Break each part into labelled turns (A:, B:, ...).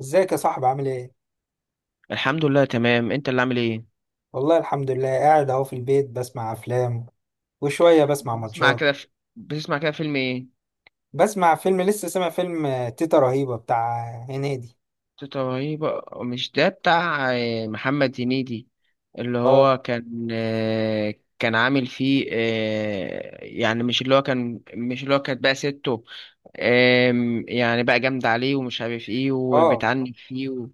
A: ازيك يا صاحبي، عامل ايه؟
B: الحمد لله، تمام. انت اللي عامل ايه؟
A: والله الحمد لله، قاعد اهو في البيت بسمع افلام وشوية بسمع
B: بتسمع
A: ماتشات.
B: كده في... بتسمع كده فيلم ايه؟
A: بسمع فيلم، لسه سامع فيلم تيتا رهيبة بتاع هنيدي.
B: تيتا رهيبة، مش ده بتاع محمد هنيدي. اللي
A: اه.
B: هو كان عامل فيه، يعني مش اللي هو كانت بقى سته. يعني بقى جامد عليه ومش عارف ايه
A: اه،
B: وبتعنف فيه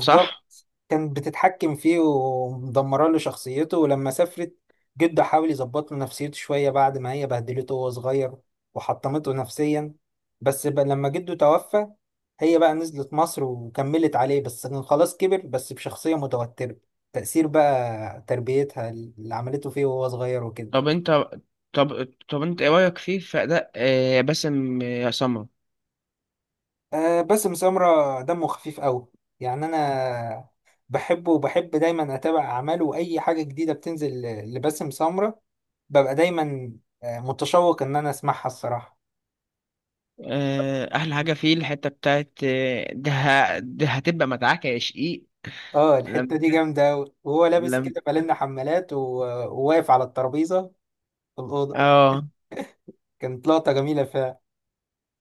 B: صح.
A: كانت بتتحكم فيه ومدمره له شخصيته، ولما سافرت جده حاول يظبط له نفسيته شويه بعد ما هي بهدلته وهو صغير وحطمته نفسيا. بس بقى لما جده توفى، هي بقى نزلت مصر وكملت عليه، بس كان خلاص كبر بس بشخصيه متوتره. تأثير بقى تربيتها اللي عملته فيه وهو صغير وكده.
B: طب انت طب انت ايه رايك فيه، في اداء باسم سمرة؟
A: أه، باسم سمرة دمه خفيف قوي. يعني انا بحبه وبحب دايما اتابع اعماله واي حاجه جديده بتنزل لباسم سمرة. ببقى دايما متشوق ان انا اسمعها الصراحه.
B: احلى حاجه فيه الحته بتاعت ده هتبقى متعاك يا شقيق.
A: اه،
B: لما
A: الحته دي
B: كان-
A: جامده أوي. وهو لابس
B: لم
A: كده، بالنا، حمالات وواقف على الترابيزه في الاوضه.
B: اه
A: كانت لقطه جميله فعلا.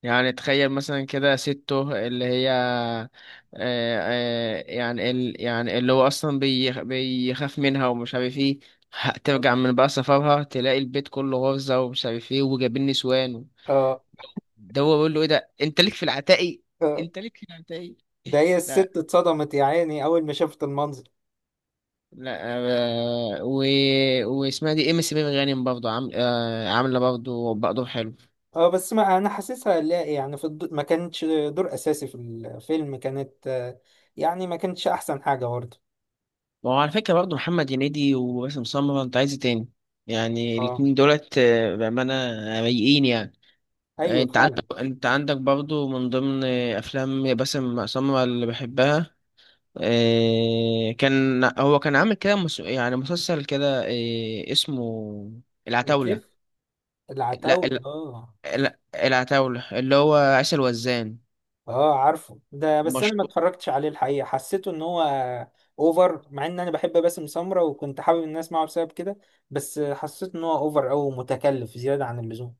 B: يعني تخيل مثلا كده، سته اللي هي يعني اللي هو اصلا بيخاف منها ومش عارف ايه. ترجع من بقى سفرها، تلاقي البيت كله غرزه ومش عارف ايه، وجايبين نسوان.
A: اه.
B: ده هو بيقول له: ايه ده، انت ليك في العتاقي،
A: آه.
B: انت ليك في العتاقي.
A: ده هي الست اتصدمت يا عيني اول ما شافت المنظر.
B: لا. آه، و... واسمها دي ام سي ميم غانم برضه عامله برضه حلو.
A: اه، بس ما انا حاسسها، لا يعني، ما كانتش دور اساسي في الفيلم، كانت يعني ما كانتش احسن حاجه برضه.
B: وعلى فكره برضه محمد هنيدي وباسم سمرة، انت عايز إيه تاني؟ يعني
A: اه.
B: الاتنين دولت، بامانه، رايقين يعني.
A: ايوه
B: انت
A: فعلا.
B: عندك انت عندك برضه من ضمن افلام باسم سمرة اللي بحبها. كان عامل كده يعني مسلسل كده، اسمه العتاوله.
A: الكيف.
B: لا
A: العتاوله،
B: ال...
A: اه.
B: لا، العتاوله اللي هو عسل وزان،
A: اه، عارفه ده، بس انا ما
B: مشهور.
A: اتفرجتش عليه الحقيقه، حسيته ان هو اوفر. مع ان انا بحب باسم سمرة وكنت حابب الناس معه بسبب كده، بس حسيت ان هو اوفر او متكلف زياده عن اللزوم.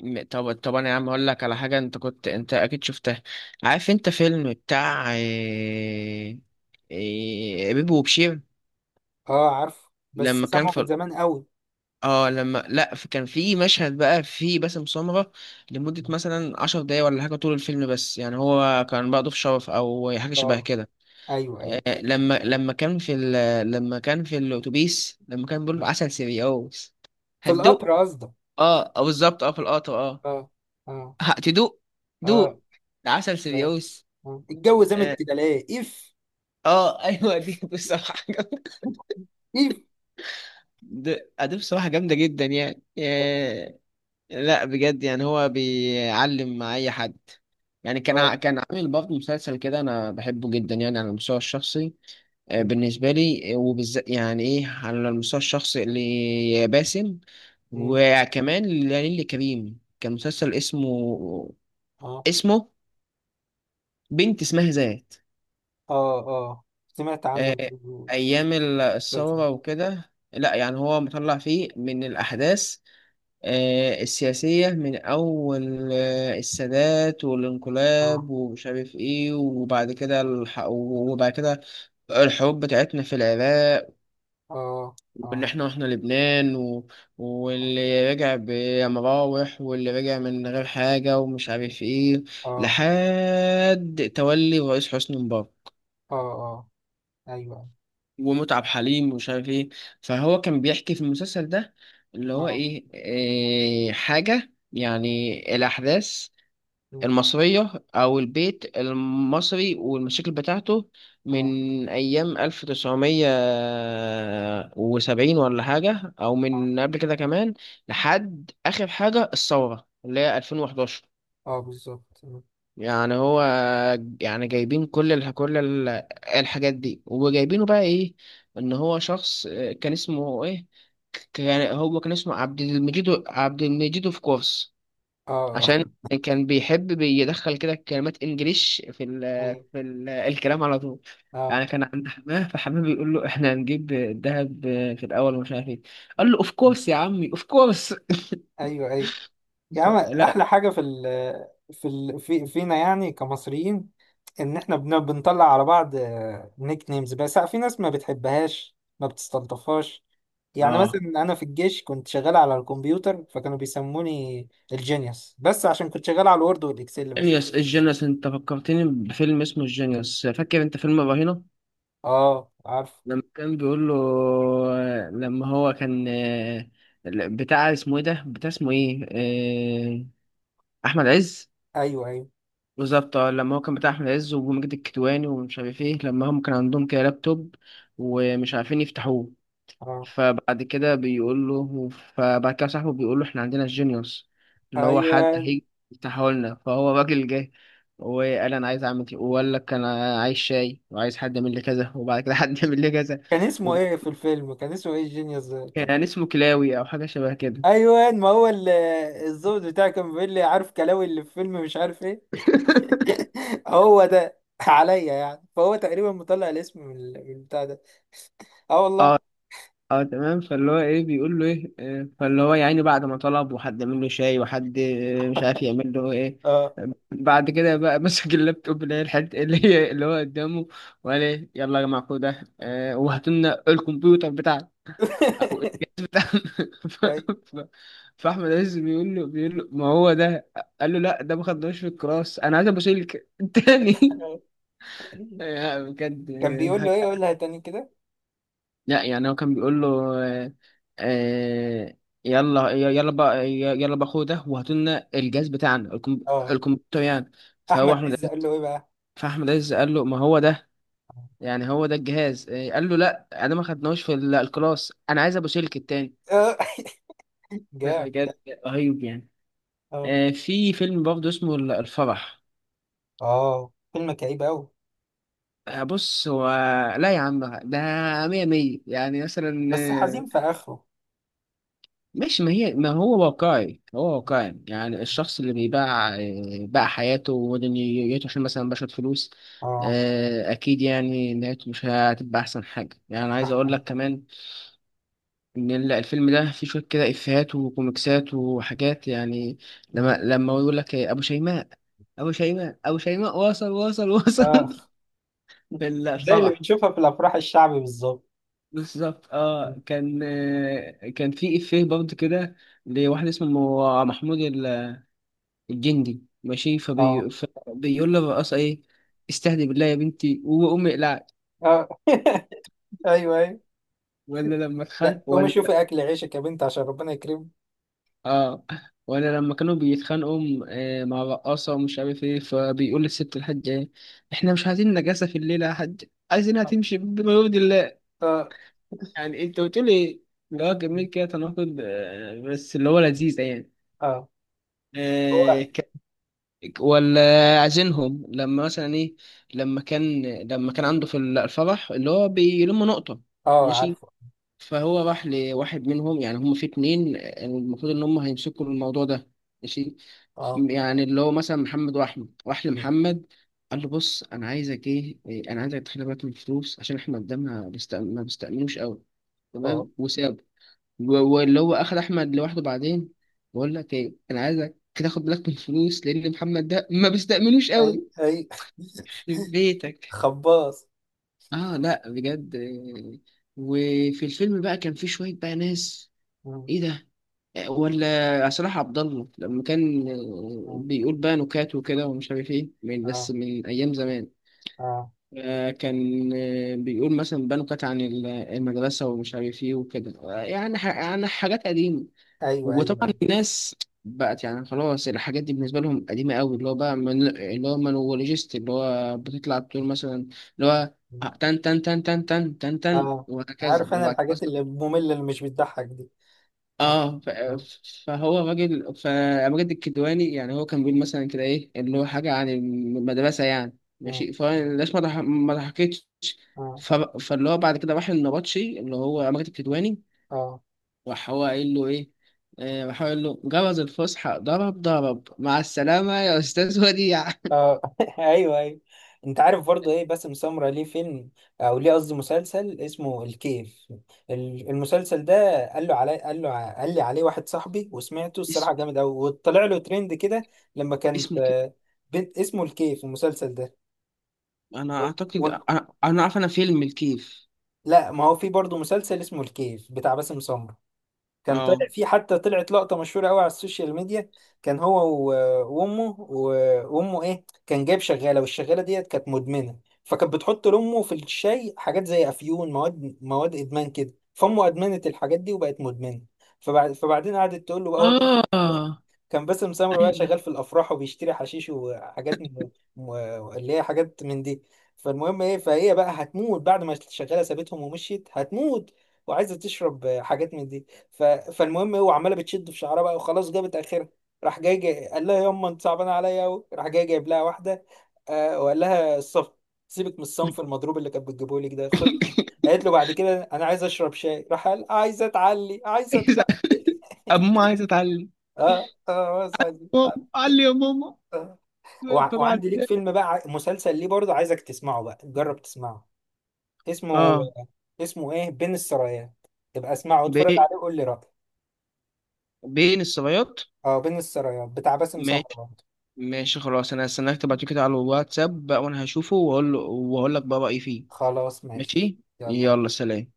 B: طب انا يا عم اقول لك على حاجه، انت اكيد شفتها. عارف انت فيلم بتاع بيبو وبشير؟
A: اه، عارفه بس
B: لما كان
A: سامعه من
B: في
A: زمان قوي.
B: اه لما لا في- كان في مشهد بقى في باسم سمرة لمده مثلا 10 دقايق ولا حاجه، طول الفيلم. بس يعني هو كان بقى ضيف شرف او حاجه شبه
A: اه.
B: كده.
A: ايوه ايوه،
B: آه، لما لما كان في ال... لما كان في الاتوبيس، لما كان بيقول له: عسل سيريوس،
A: في القطر
B: هتدوق.
A: قصدك.
B: اه، بالظبط. اه، في القطر. اه،
A: اه. اه.
B: هتدوق،
A: اه.
B: دوق، ده عسل
A: اه.
B: سيريوس.
A: آه. الجو زمن
B: اه.
A: كده ليه؟ اف.
B: ايوه، دي بصراحه جامده.
A: اف.
B: دي بصراحه جامده جدا يعني. لا بجد، يعني هو بيعلم مع اي حد. يعني كان ع-
A: اه.
B: كان عامل برضه مسلسل كده، انا بحبه جدا يعني على المستوى الشخصي. بالنسبه لي، وبالذات يعني ايه على المستوى الشخصي، اللي باسم. وكمان لليلي كريم، كان مسلسل اسمه
A: اه.
B: اسمه بنت اسمها ذات.
A: اه. اه، سمعت عنه.
B: آه، ايام ال-
A: المسلسل.
B: الثوره وكده. لا يعني هو مطلع فيه من الاحداث السياسيه، من اول السادات
A: اه.
B: والانقلاب ومش عارف ايه، وبعد كده الحروب بتاعتنا في العراق.
A: اه.
B: وان
A: اه.
B: احنا واحنا لبنان واللي رجع بمراوح واللي رجع من غير حاجه ومش عارف ايه،
A: اه.
B: لحد تولي الرئيس حسني مبارك.
A: اه. اه. ايوه.
B: ومتعب حليم ومش عارف ايه. فهو كان بيحكي في المسلسل ده، اللي هو
A: اه.
B: إيه حاجة، يعني الأحداث
A: مم.
B: المصرية أو البيت المصري والمشاكل بتاعته
A: اه.
B: من أيام 1970 ولا حاجة، أو
A: اه.
B: من قبل كده كمان. لحد آخر حاجة الثورة، اللي هي 2011.
A: اه، بالظبط. مم.
B: يعني هو، يعني جايبين الحاجات دي، وجايبينه بقى ايه، ان هو شخص، كان اسمه ايه، كان اسمه عبد المجيد. عبد المجيد اوف كورس،
A: اه. آه.
B: عشان كان بيحب بيدخل كده كلمات انجليش في
A: ايوه.
B: الكلام على طول.
A: اه.
B: يعني كان عند حماه، فحماه بيقول له: احنا هنجيب الذهب في الاول ومش عارف ايه. قال له: اوف كورس يا عمي، اوف كورس.
A: ايوه ايوه. يا عم،
B: لا.
A: احلى حاجه في فينا يعني كمصريين، ان احنا بنطلع على بعض نيك نيمز، بس في ناس ما بتحبهاش ما بتستلطفهاش. يعني مثلا
B: اه،
A: انا في الجيش كنت شغال على الكمبيوتر، فكانوا بيسموني الجينيوس، بس عشان كنت شغال على الوورد والاكسل بس.
B: الجينيوس انت فكرتني بفيلم اسمه الجينيوس. فاكر انت فيلم الرهينة؟
A: اه، عارف.
B: لما كان بيقول له لما هو كان بتاع اسمه ايه ده، بتاع اسمه ايه، آه، احمد عز.
A: ايوه ايوه.
B: بالظبط، اه. لما هو كان بتاع احمد عز ومجد الكدواني ومش عارف ايه، لما هم كان عندهم كده لابتوب ومش عارفين يفتحوه.
A: اه.
B: فبعد كده صاحبه بيقول له: احنا عندنا الجينيوس، اللي هو حد
A: ايوه.
B: هيجي يفتحولنا. فهو راجل جه وقال: انا عايز اعمل كده، وقال لك انا عايز شاي وعايز حد يعمل لي كذا، وبعد كده حد يعمل لي كذا.
A: كان اسمه ايه في الفيلم، كان اسمه ايه الجينيوس ده كان؟
B: وكان اسمه كلاوي او حاجه شبه كده.
A: ايوه، ما هو الظابط بتاعي كان بيقول لي: عارف كلاوي اللي في فيلم مش عارف ايه. هو ده عليا يعني، فهو تقريبا مطلع الاسم من البتاع ده. اه،
B: اه
A: والله.
B: اه تمام. فاللي هو ايه، بيقول له ايه، فاللي هو يعني بعد ما طلب، وحد عمل له شاي وحد مش عارف يعمل له ايه.
A: اه.
B: بعد كده بقى مسك اللابتوب، اللي هي الحته اللي هي اللي هو قدامه، وقال: ايه، يلا يا جماعه خدوا ده، وهاتوا لنا الكمبيوتر بتاعنا او الجهاز بتاعنا. ف-
A: أي.
B: ف- فاحمد عز بيقول له: ما هو ده. قال له: لا، ده ما خدناش في الكلاس، انا عايز ابو سلك تاني. يعني بجد.
A: كان بيقول له ايه؟ قولها تاني كده.
B: لا يعني هو كان بيقول له آه آه، يلا يلا بقى خدوا ده وهاتوا لنا الجهاز بتاعنا،
A: اه،
B: الكمبيوتر يعني. فهو
A: احمد
B: احمد
A: عز
B: عز
A: قال له ايه بقى؟
B: فاحمد عز قال له: ما هو ده، يعني هو ده الجهاز. قال له: لا، انا ما خدناهوش في ال- الكلاس، انا عايز ابو سلك التاني.
A: اه.
B: لا
A: جامد
B: بجد،
A: ده.
B: رهيب يعني.
A: اه.
B: في فيلم برضه اسمه ال- الفرح.
A: اه. فيلم كئيب قوي.
B: بص هو، لا يا عم، ده مية مية يعني. مثلا
A: بس حزين في اخره.
B: مش، ما هو واقعي، هو واقعي يعني. الشخص اللي بيباع، باع حياته ودنيته عشان مثلا بشرة فلوس.
A: اه،
B: أكيد يعني نهايته مش هتبقى أحسن حاجة. يعني أنا عايز
A: راح
B: أقول لك
A: عليه.
B: كمان، إن ال- الفيلم ده فيه شوية كده إفيهات وكوميكسات وحاجات يعني. لما هو يقول لك إيه، أبو شيماء، أبو شيماء أبو شيماء وصل وصل وصل.
A: اه،
B: في
A: زي اللي
B: الفرح.
A: بنشوفها في الافراح الشعبي بالظبط.
B: بالظبط، اه. كان في إفيه برضه كده، لواحد اسمه محمود الجندي، ماشي.
A: اه.
B: فبيقول له: رقاصة ايه، استهدي بالله يا بنتي، وأمي اقلعت.
A: اه. ايوه ايوه.
B: ولا لما اتخانق
A: لا، قومي
B: ولا.
A: شوفي اكل عيشك يا بنت عشان ربنا يكرمك.
B: اه. ولا لما كانوا بيتخانقوا مع رقاصة ومش عارف ايه، فبيقول للست الحاجة: ايه، احنا مش عايزين نجاسة في الليلة يا حاج، عايزينها
A: اه.
B: تمشي بما يرضي الله.
A: اه.
B: يعني انت قلت لي، اللي هو جميل كده تناقض، بس اللي هو لذيذ يعني.
A: اه. هو.
B: آه، ولا عايزينهم لما مثلا ايه، لما كان عنده في الفرح اللي هو بيلم نقطة،
A: اه،
B: ماشي.
A: عارفه.
B: فهو راح لواحد منهم، يعني هم في 2، المفروض ان هم هيمسكوا الموضوع ده، ماشي.
A: اه.
B: يعني اللي هو مثلا محمد واحمد، راح لمحمد. قال له: بص انا عايزك ايه إيه، انا عايزك تخلي بالك من الفلوس، عشان احنا قدامنا ما بيستأمنوش قوي،
A: اه.
B: تمام. وسابه و- واللي هو اخد احمد لوحده بعدين، بقول لك ايه، انا عايزك تاخد بالك من الفلوس، لان محمد ده ما بيستأمنوش
A: اي.
B: قوي.
A: اي.
B: يخرب بيتك.
A: خباص.
B: اه، لا بجد. وفي الفيلم بقى كان في شويه بقى ناس،
A: مم.
B: ايه ده. ولا صلاح عبد الله لما كان
A: مم.
B: بيقول بقى نكات وكده ومش عارف ايه، من بس
A: اه.
B: من ايام زمان.
A: اه.
B: كان بيقول مثلا بقى نكات عن ال- المدرسه ومش عارف ايه وكده، يعني عن حاجات قديمه.
A: ايوه ايوه
B: وطبعا
A: ايوه.
B: الناس بقت يعني خلاص، الحاجات دي بالنسبة لهم قديمة قوي. اللي هو بقى من اللي هو مانولوجيست، اللي هو بتطلع بتقول مثلا، اللي هو
A: مم.
B: تن تن تن تن تن تن تن،
A: اه،
B: وهكذا،
A: عارف، انا
B: وبعد
A: الحاجات
B: مثلا.
A: اللي مملة اللي مش بتضحك دي. اه.
B: اه.
A: اه.
B: فهو راجل، فمجد الكدواني يعني هو كان بيقول مثلا كده ايه، اللي هو حاجة عن المدرسة يعني،
A: مم.
B: ماشي. فالناس ما ضحكتش.
A: اه.
B: فاللي هو بعد كده راح النبطشي، اللي هو مجد الكدواني.
A: اه.
B: راح هو قايل له ايه راح هو قايل له: جرس الفسحة ضرب ضرب، مع السلامة يا أستاذ وديع.
A: اه. ايوه ايوه. انت عارف برضه، ايه باسم سمرة ليه فيلم، او ليه قصدي، مسلسل اسمه الكيف؟ المسلسل ده، قال له علي، قال له قال لي عليه واحد صاحبي وسمعته الصراحه
B: اسم
A: جامد قوي وطلع له ترند كده. لما
B: اسم
A: كانت
B: الكيف.
A: بنت اسمه الكيف المسلسل ده
B: أنا
A: و...
B: أعتقد،
A: و...
B: أنا عارف أنا فيلم الكيف.
A: لا، ما هو في برضه مسلسل اسمه الكيف بتاع باسم سمرة. كان طلع
B: أه
A: في، حتى طلعت لقطة مشهورة قوي على السوشيال ميديا. كان هو و- وامه ايه، كان جايب شغالة والشغالة ديت كانت مدمنة، فكانت بتحط لامه في الشاي حاجات زي افيون، مواد مواد ادمان كده، فامه ادمنت الحاجات دي وبقت مدمنة. فبعدين قعدت تقول له بقى، هو كان
B: اه
A: كان باسم سمرة بقى
B: ايوه.
A: شغال في الافراح وبيشتري حشيش وحاجات م- اللي هي حاجات من دي. فالمهم ايه، فهي بقى هتموت بعد ما الشغاله سابتهم ومشيت، هتموت وعايزه تشرب حاجات من دي. فالمهم هو عماله بتشد في شعرها بقى، وخلاص جابت اخرها. راح جاي قال لها: يما انت صعبانه عليا قوي. راح جاي جايب لها واحده. وقال لها: سيبك من الصنف المضروب اللي كانت بتجيبه لك ده، خد. قالت له بعد كده: انا عايز اشرب شاي. راح قال: عايزه اتعلي، عايزه
B: عايز-
A: اتعلي.
B: أما عايز أتعلم.
A: اه. اه، بس عايز.
B: ماما، علي يا ماما. طبعا.
A: وعندي ليك فيلم بقى، مسلسل ليه برضه عايزك تسمعه، بقى جرب تسمعه. اسمه
B: أه.
A: اسمه ايه، بين السرايات. تبقى اسمعه واتفرج
B: بي...
A: عليه وقول لي رأيك.
B: بين الصبيات.
A: اه، بين السرايات بتاع باسم سمرة
B: ماشي،
A: برضه.
B: ماشي، خلاص. أنا هستناك تبعتلي كده على الواتساب بقى، وأنا هشوفه وأقول لك بقى رأيي فيه.
A: خلاص ماشي.
B: ماشي.
A: يلا.
B: يلا، سلام.